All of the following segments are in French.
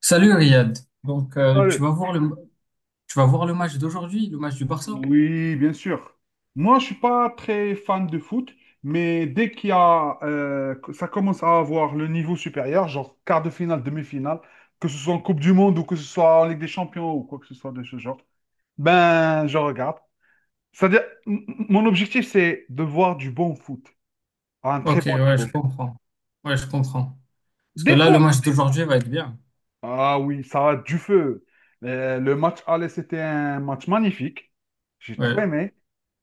Salut Riyad. Donc Allez. Tu vas voir le match d'aujourd'hui, le match du Barça? Oui, bien sûr. Moi, je suis pas très fan de foot, mais dès qu'il y a, que ça commence à avoir le niveau supérieur, genre quart de finale, demi-finale, que ce soit en Coupe du Monde ou que ce soit en Ligue des Champions ou quoi que ce soit de ce genre, ben, je regarde. C'est-à-dire, mon objectif, c'est de voir du bon foot à un très Ok, bon ouais, je niveau. comprends. Ouais, je comprends. Parce que Des là, le fois, match d'aujourd'hui va être bien. ah oui, ça a du feu. Le, match aller, c'était un match magnifique. J'ai trop Ouais. aimé.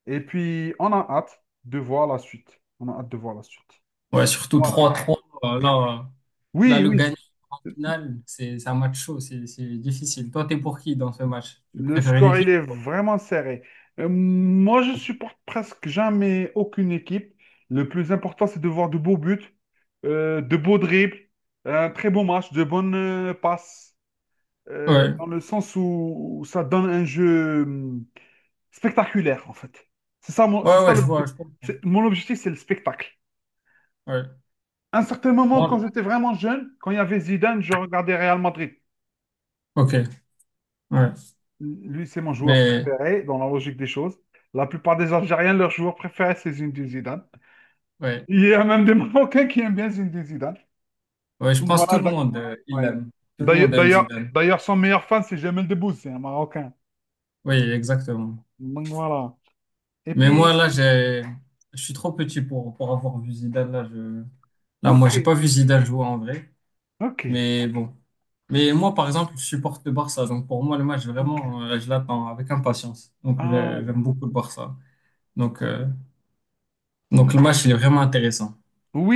Et puis, on a hâte de voir la suite. On a hâte de voir la suite. Ouais, surtout Voilà. 3-3. euh, Là, euh, Là, Oui, le oui, gagnant final, c'est un match chaud, c'est difficile. Toi, t'es pour qui dans ce match? Tu le préfères une score, équipe? il est vraiment serré. Moi, je supporte presque jamais aucune équipe. Le plus important, c'est de voir de beaux buts, de beaux dribbles, un très beau match, de bonnes passes, Ouais. dans le sens où, où ça donne un jeu. Spectaculaire, en fait. C'est ça, Ouais, c'est ça ouais, je vois, l'objectif. je comprends. Mon objectif, c'est le spectacle. Ouais. À un certain moment, quand Moi- j'étais vraiment jeune, quand il y avait Zidane, je regardais Real Madrid. ok. Ouais. Lui, c'est mon joueur Mais préféré, dans la logique des choses. La plupart des Algériens, leur joueur préféré, c'est Zinedine Zidane. ouais. Il y a même des Marocains qui aiment bien Zinedine Zidane. Ouais, je Donc pense que voilà. tout le monde, il ouais. l'aime. Tout le monde D'ailleurs, aime d'ailleurs, Zidane. d'ailleurs, son meilleur fan, c'est Jamel Debbouze, c'est un Marocain. Oui, exactement. Donc voilà. Et Mais moi, puis, là, j'ai, je suis trop petit pour, avoir vu Zidane. Là, ok, moi, j'ai pas vu Zidane jouer en vrai. ok, Mais bon. Mais moi, par exemple, je supporte le Barça. Donc, pour moi, le match, ok. vraiment, je l'attends avec impatience. Donc, Ah, j'aime beaucoup le Barça. Donc, euh, donc, le match, il est vraiment intéressant.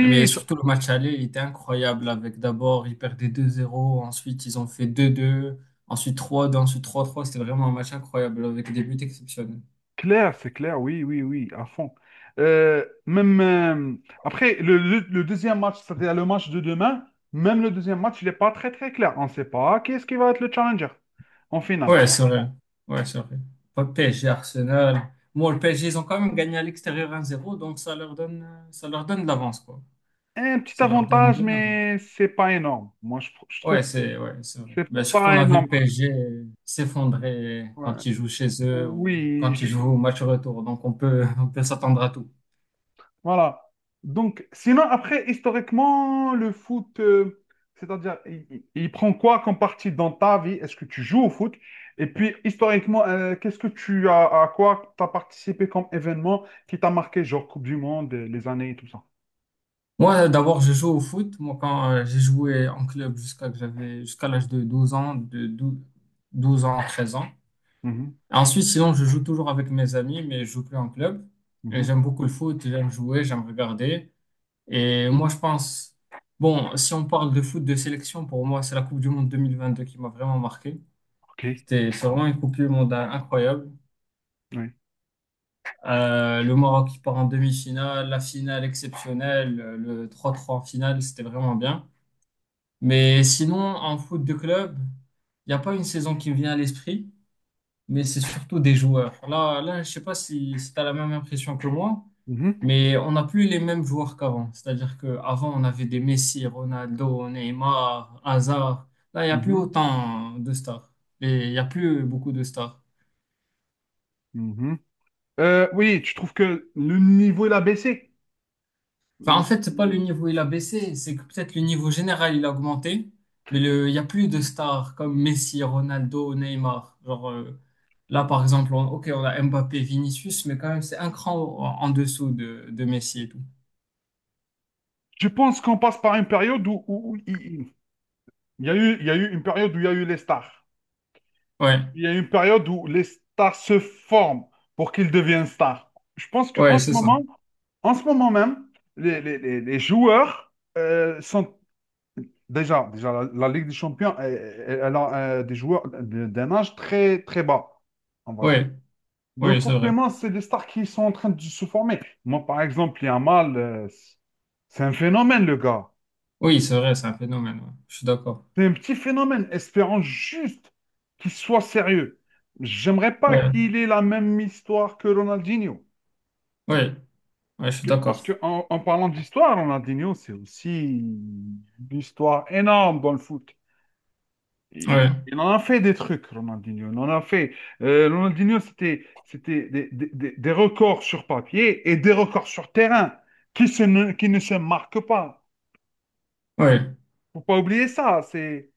Mais surtout, le match aller, il était incroyable. Avec d'abord, ils perdaient 2-0. Ensuite, ils ont fait 2-2. Ensuite, trois 2. Ensuite, 3-3. C'était vraiment un match incroyable avec des buts exceptionnels. clair, c'est clair, oui, oui, oui, à fond. Même après le deuxième match, c'est-à-dire le match de demain, même le deuxième match, il n'est pas très très clair. On ne sait pas qui est-ce qui va être le challenger en finale. Ouais, c'est vrai. Ouais, c'est vrai. Pas PSG, Arsenal. Bon, le PSG, ils ont quand même gagné à l'extérieur 1-0, donc ça leur donne de l'avance, quoi. Un petit Ça leur donne une avantage, bonne avance. mais c'est pas énorme. Moi, je trouve que Ouais, c'est vrai. c'est Ben, surtout, on pas a vu énorme. le PSG s'effondrer Ouais. quand ils jouent chez eux ou Oui, quand ils jouent au match retour. Donc, on peut, on peut s'attendre à tout. voilà. Donc, sinon, après, historiquement, le foot, c'est-à-dire, il prend quoi comme partie dans ta vie? Est-ce que tu joues au foot? Et puis, historiquement, qu'est-ce que tu as, à quoi tu as participé comme événement qui t'a marqué, genre Coupe du Monde, les années et tout ça? Moi, d'abord, je joue au foot. Moi, quand J'ai joué en club jusqu'à que j'avais, jusqu'à l'âge de 12 ans, de dou 12 ans, 13 ans. Mhm, Ensuite, sinon, je joue toujours avec mes amis, mais je joue plus en club. Et mhm, j'aime beaucoup le foot, j'aime jouer, j'aime regarder. Et moi, je pense, bon, si on parle de foot de sélection, pour moi, c'est la Coupe du Monde 2022 qui m'a vraiment marqué. ok, C'est vraiment une Coupe du Monde incroyable. oui. Le Maroc qui part en demi-finale, la finale exceptionnelle, le 3-3 en finale, c'était vraiment bien. Mais sinon, en foot de club, il n'y a pas une saison qui me vient à l'esprit, mais c'est surtout des joueurs. Là, je sais pas si tu as la même impression que moi, Mhm, mais on n'a plus les mêmes joueurs qu'avant. C'est-à-dire qu'avant, on avait des Messi, Ronaldo, Neymar, Hazard. Là, il n'y a plus mhm, autant de stars. Et il n'y a plus beaucoup de stars. mhm. Oui, tu trouves que le niveau, il a baissé? Enfin, Euh, en fait, c'est pas le niveau il a baissé, c'est que peut-être le niveau général il a augmenté, il n'y a plus de stars comme Messi, Ronaldo, Neymar. Genre, là, par exemple, ok, on a Mbappé, Vinicius, mais quand même, c'est un cran en dessous de Messi et tout. Je pense qu'on passe par une période où il y a eu, il y a eu une période où il y a eu les stars. Ouais. Il y a une période où les stars se forment pour qu'ils deviennent stars. Je pense Ouais, qu'en ce c'est ça. moment, en ce moment même, les joueurs sont déjà, déjà la Ligue des Champions, elle, elle a des joueurs d'un âge très, très bas, on va dire. Ouais, Donc oui, c'est vrai. forcément, c'est des stars qui sont en train de se former. Moi, par exemple, il y a un mal, c'est un phénomène, le gars. Oui, c'est vrai, c'est un phénomène. Ouais. Je suis d'accord. C'est un petit phénomène, espérant juste qu'il soit sérieux. J'aimerais pas Ouais, qu'il ait la même histoire que Ronaldinho. ouais, ouais, je suis d'accord. En parlant d'histoire, Ronaldinho, c'est aussi une histoire énorme dans le foot. Ouais, Il en a fait des trucs, Ronaldinho. Il en a fait. Ronaldinho, c'était des, des records sur papier et des records sur terrain qui ne se marquent pas. ouais, Faut pas oublier ça. C'est,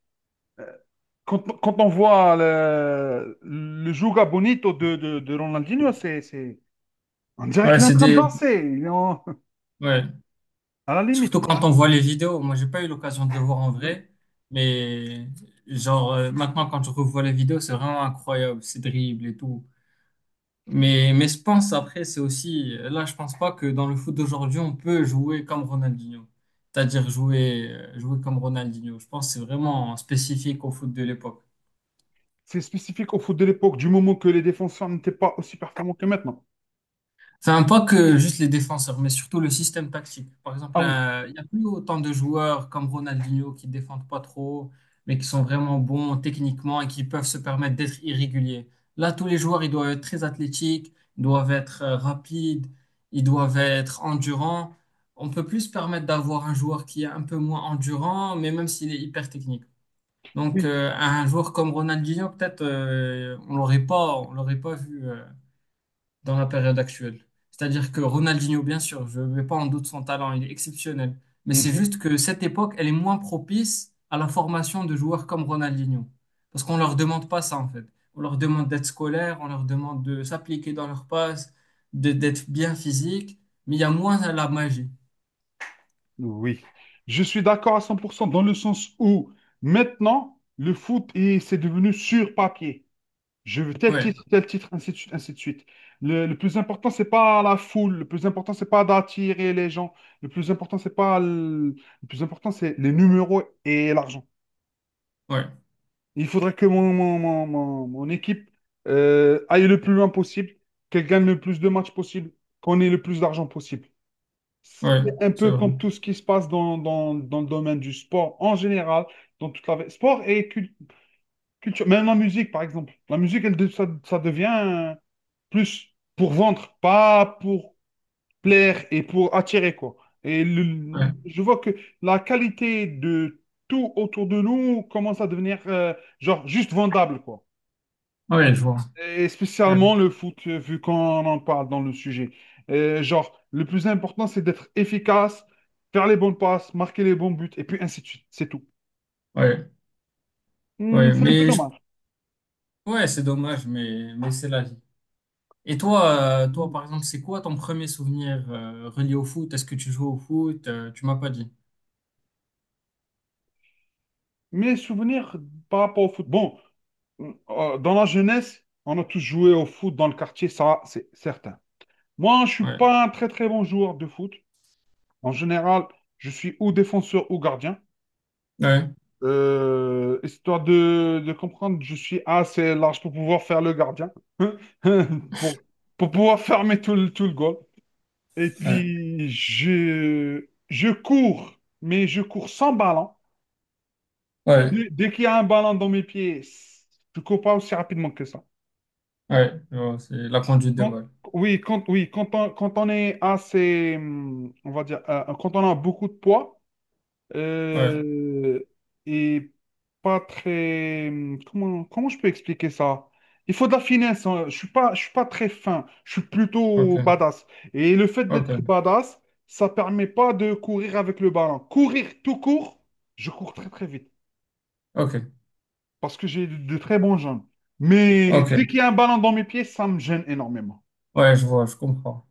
quand, quand on voit le Juga Bonito de Ronaldinho, on dirait ouais, qu'il est en c'est train de des. danser, Ouais. à la limite. Surtout quand on voit les vidéos. Moi, j'ai pas eu l'occasion de le voir en Oui. vrai, mais maintenant quand je revois les vidéos, c'est vraiment incroyable, ces dribbles et tout. Mais je pense après, c'est aussi là, je pense pas que dans le foot d'aujourd'hui, on peut jouer comme Ronaldinho, c'est-à-dire jouer comme Ronaldinho. Je pense que c'est vraiment spécifique au foot de l'époque. C'est spécifique au foot de l'époque, du moment que les défenseurs n'étaient pas aussi performants que maintenant. Enfin, pas que juste les défenseurs, mais surtout le système tactique. Par exemple, Ah oui, il n'y a plus autant de joueurs comme Ronaldinho qui défendent pas trop, mais qui sont vraiment bons techniquement et qui peuvent se permettre d'être irréguliers. Là, tous les joueurs, ils doivent être très athlétiques, ils doivent être rapides, ils doivent être endurants. On peut plus se permettre d'avoir un joueur qui est un peu moins endurant, mais même s'il est hyper technique. Donc, oui. euh, un joueur comme Ronaldinho, peut-être, on l'aurait pas vu dans la période actuelle. C'est-à-dire que Ronaldinho, bien sûr, je ne mets pas en doute son talent, il est exceptionnel. Mais c'est Mhm. juste que cette époque, elle est moins propice à la formation de joueurs comme Ronaldinho. Parce qu'on ne leur demande pas ça, en fait. On leur demande d'être scolaire, on leur demande de s'appliquer dans leurs passes, d'être bien physique, mais il y a moins la magie. Oui. Je suis d'accord à 100% dans le sens où maintenant, c'est devenu sur papier. Je veux Ouais, tel titre, ainsi de suite, ainsi de suite. Le plus important, c'est pas la foule. Le plus important, c'est pas d'attirer les gens. Le plus important, c'est pas le... le plus important, c'est les numéros et l'argent. ouais, Il faudrait que mon équipe aille le plus loin possible, qu'elle gagne le plus de matchs possible, qu'on ait le plus d'argent possible. ouais, C'est un c'est peu vrai. comme tout ce qui se passe dans, dans le domaine du sport en général, dans toute la vie. Culture, même la musique, par exemple. La musique, ça, ça devient. Plus pour vendre, pas pour plaire et pour attirer, quoi. Ouais, Je vois que la qualité de tout autour de nous commence à devenir, genre, juste vendable, quoi. ouais, je vois. Et Ouais, spécialement le foot, vu qu'on en parle dans le sujet. Genre, le plus important, c'est d'être efficace, faire les bonnes passes, marquer les bons buts, et puis ainsi de suite. C'est tout. ouais, Hmm, ouais, c'est un peu dommage. ouais, c'est dommage, mais c'est la vie. Et toi, toi, par exemple, c'est quoi ton premier souvenir relié au foot? Est-ce que tu joues au foot? Tu m'as pas dit. Mes souvenirs par rapport au foot. Bon, dans la jeunesse, on a tous joué au foot dans le quartier, ça, c'est certain. Moi, je suis Ouais, pas un très très bon joueur de foot. En général, je suis ou défenseur ou gardien. ouais, Histoire de comprendre, je suis assez large pour pouvoir faire le gardien, pour, pour pouvoir fermer tout le goal. Et ouais, puis, je cours, mais je cours sans ballon. ouais, Dès qu'il y a un ballon dans mes pieds, je cours pas aussi rapidement que ça. ouais, je vois, c'est la conduite de Quand- balle. oui, oui, quand on est assez, on va dire, quand on a beaucoup de poids Ouais, euh, et pas très, comment je peux expliquer ça? Il faut de la finesse. Hein. Je suis pas très fin. Je suis plutôt ok, badass. Et le fait d'être ok, badass, ça permet pas de courir avec le ballon. Courir tout court, je cours très très vite. ok, Parce que j'ai de très bons jambes. Mais ok. dès qu'il y a un ballon dans mes pieds, ça me gêne énormément. Ouais, je vois, je comprends.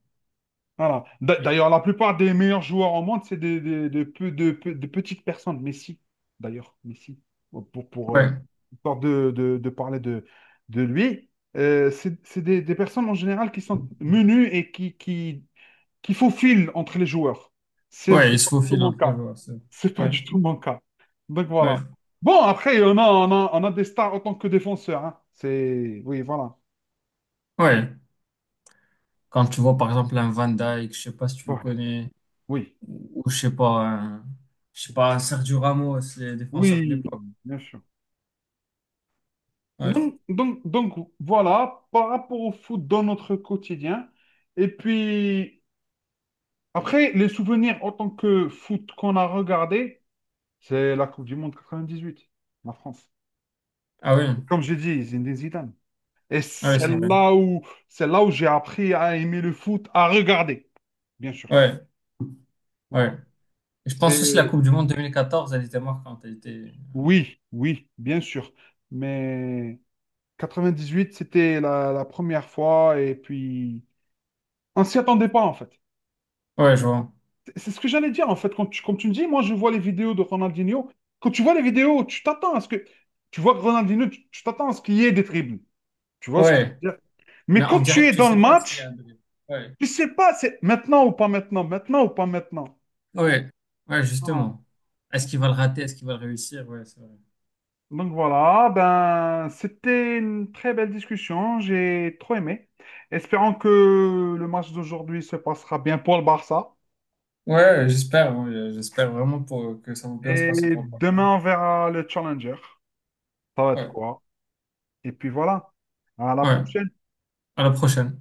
Voilà. D'ailleurs, la plupart des meilleurs joueurs au monde, c'est des, de petites personnes. Messi, pour, pour, euh, Ouais, histoire de parler de lui, c'est des personnes en général qui sont menues et qui qu'il faut fil entre les joueurs. Ouais, C'est il se pas du tout faufile mon entre les cas. joueurs. C'est pas Ouais, du tout mon cas. Donc ouais, voilà. Bon, après, on a des stars en tant que défenseurs. Hein. C'est... oui, voilà. ouais. Quand tu vois, par exemple, un Van Dijk, je sais pas si tu le Voilà. connais, Oui. ou je sais pas, un Sergio Ramos, les défenseurs de Oui, l'époque. bien sûr. Ouais. Donc, voilà, par rapport au foot dans notre quotidien. Et puis, après, les souvenirs en tant que foot qu'on a regardé, c'est la Coupe du Monde 98, la France. Ah oui, Comme j'ai dit, Zinedine Zidane. Et ah oui, c'est c'est vrai. là où, c'est là où j'ai appris à aimer le foot, à regarder, bien sûr. Ouais, ouais. Voilà. Je pense aussi la C'est- Coupe du Monde 2014, elle était marquante. Elle était… oui, oui, bien sûr. Mais 98, c'était la première fois. Et puis, on s'y attendait pas, en fait. Ouais, je vois. C'est ce que j'allais dire, en fait. Comme tu me dis, moi, je vois les vidéos de Ronaldinho. Quand tu vois les vidéos, tu t'attends à ce que. Tu vois que Ronaldinho, tu t'attends à ce qu'il y ait des dribbles. Tu vois ce que je Ouais. veux dire? Mais Mais en quand tu direct, es tu dans le sais pas s'il y a un match, doublé. Ouais. tu sais pas, c'est maintenant ou pas maintenant, maintenant ou pas maintenant. Ouais. Ouais, Voilà. justement. Est-ce qu'il va le rater? Est-ce qu'il va le réussir? Ouais, c'est vrai. Donc voilà, ben c'était une très belle discussion, j'ai trop aimé. Espérons que le match d'aujourd'hui se passera bien pour le Barça. Ouais, j'espère. Ouais, j'espère vraiment que ça va bien se passer Et pour le Barça. demain, on verra le challenger. Ça va être Ouais. quoi? Et puis voilà, à la Ouais. prochaine. À la prochaine.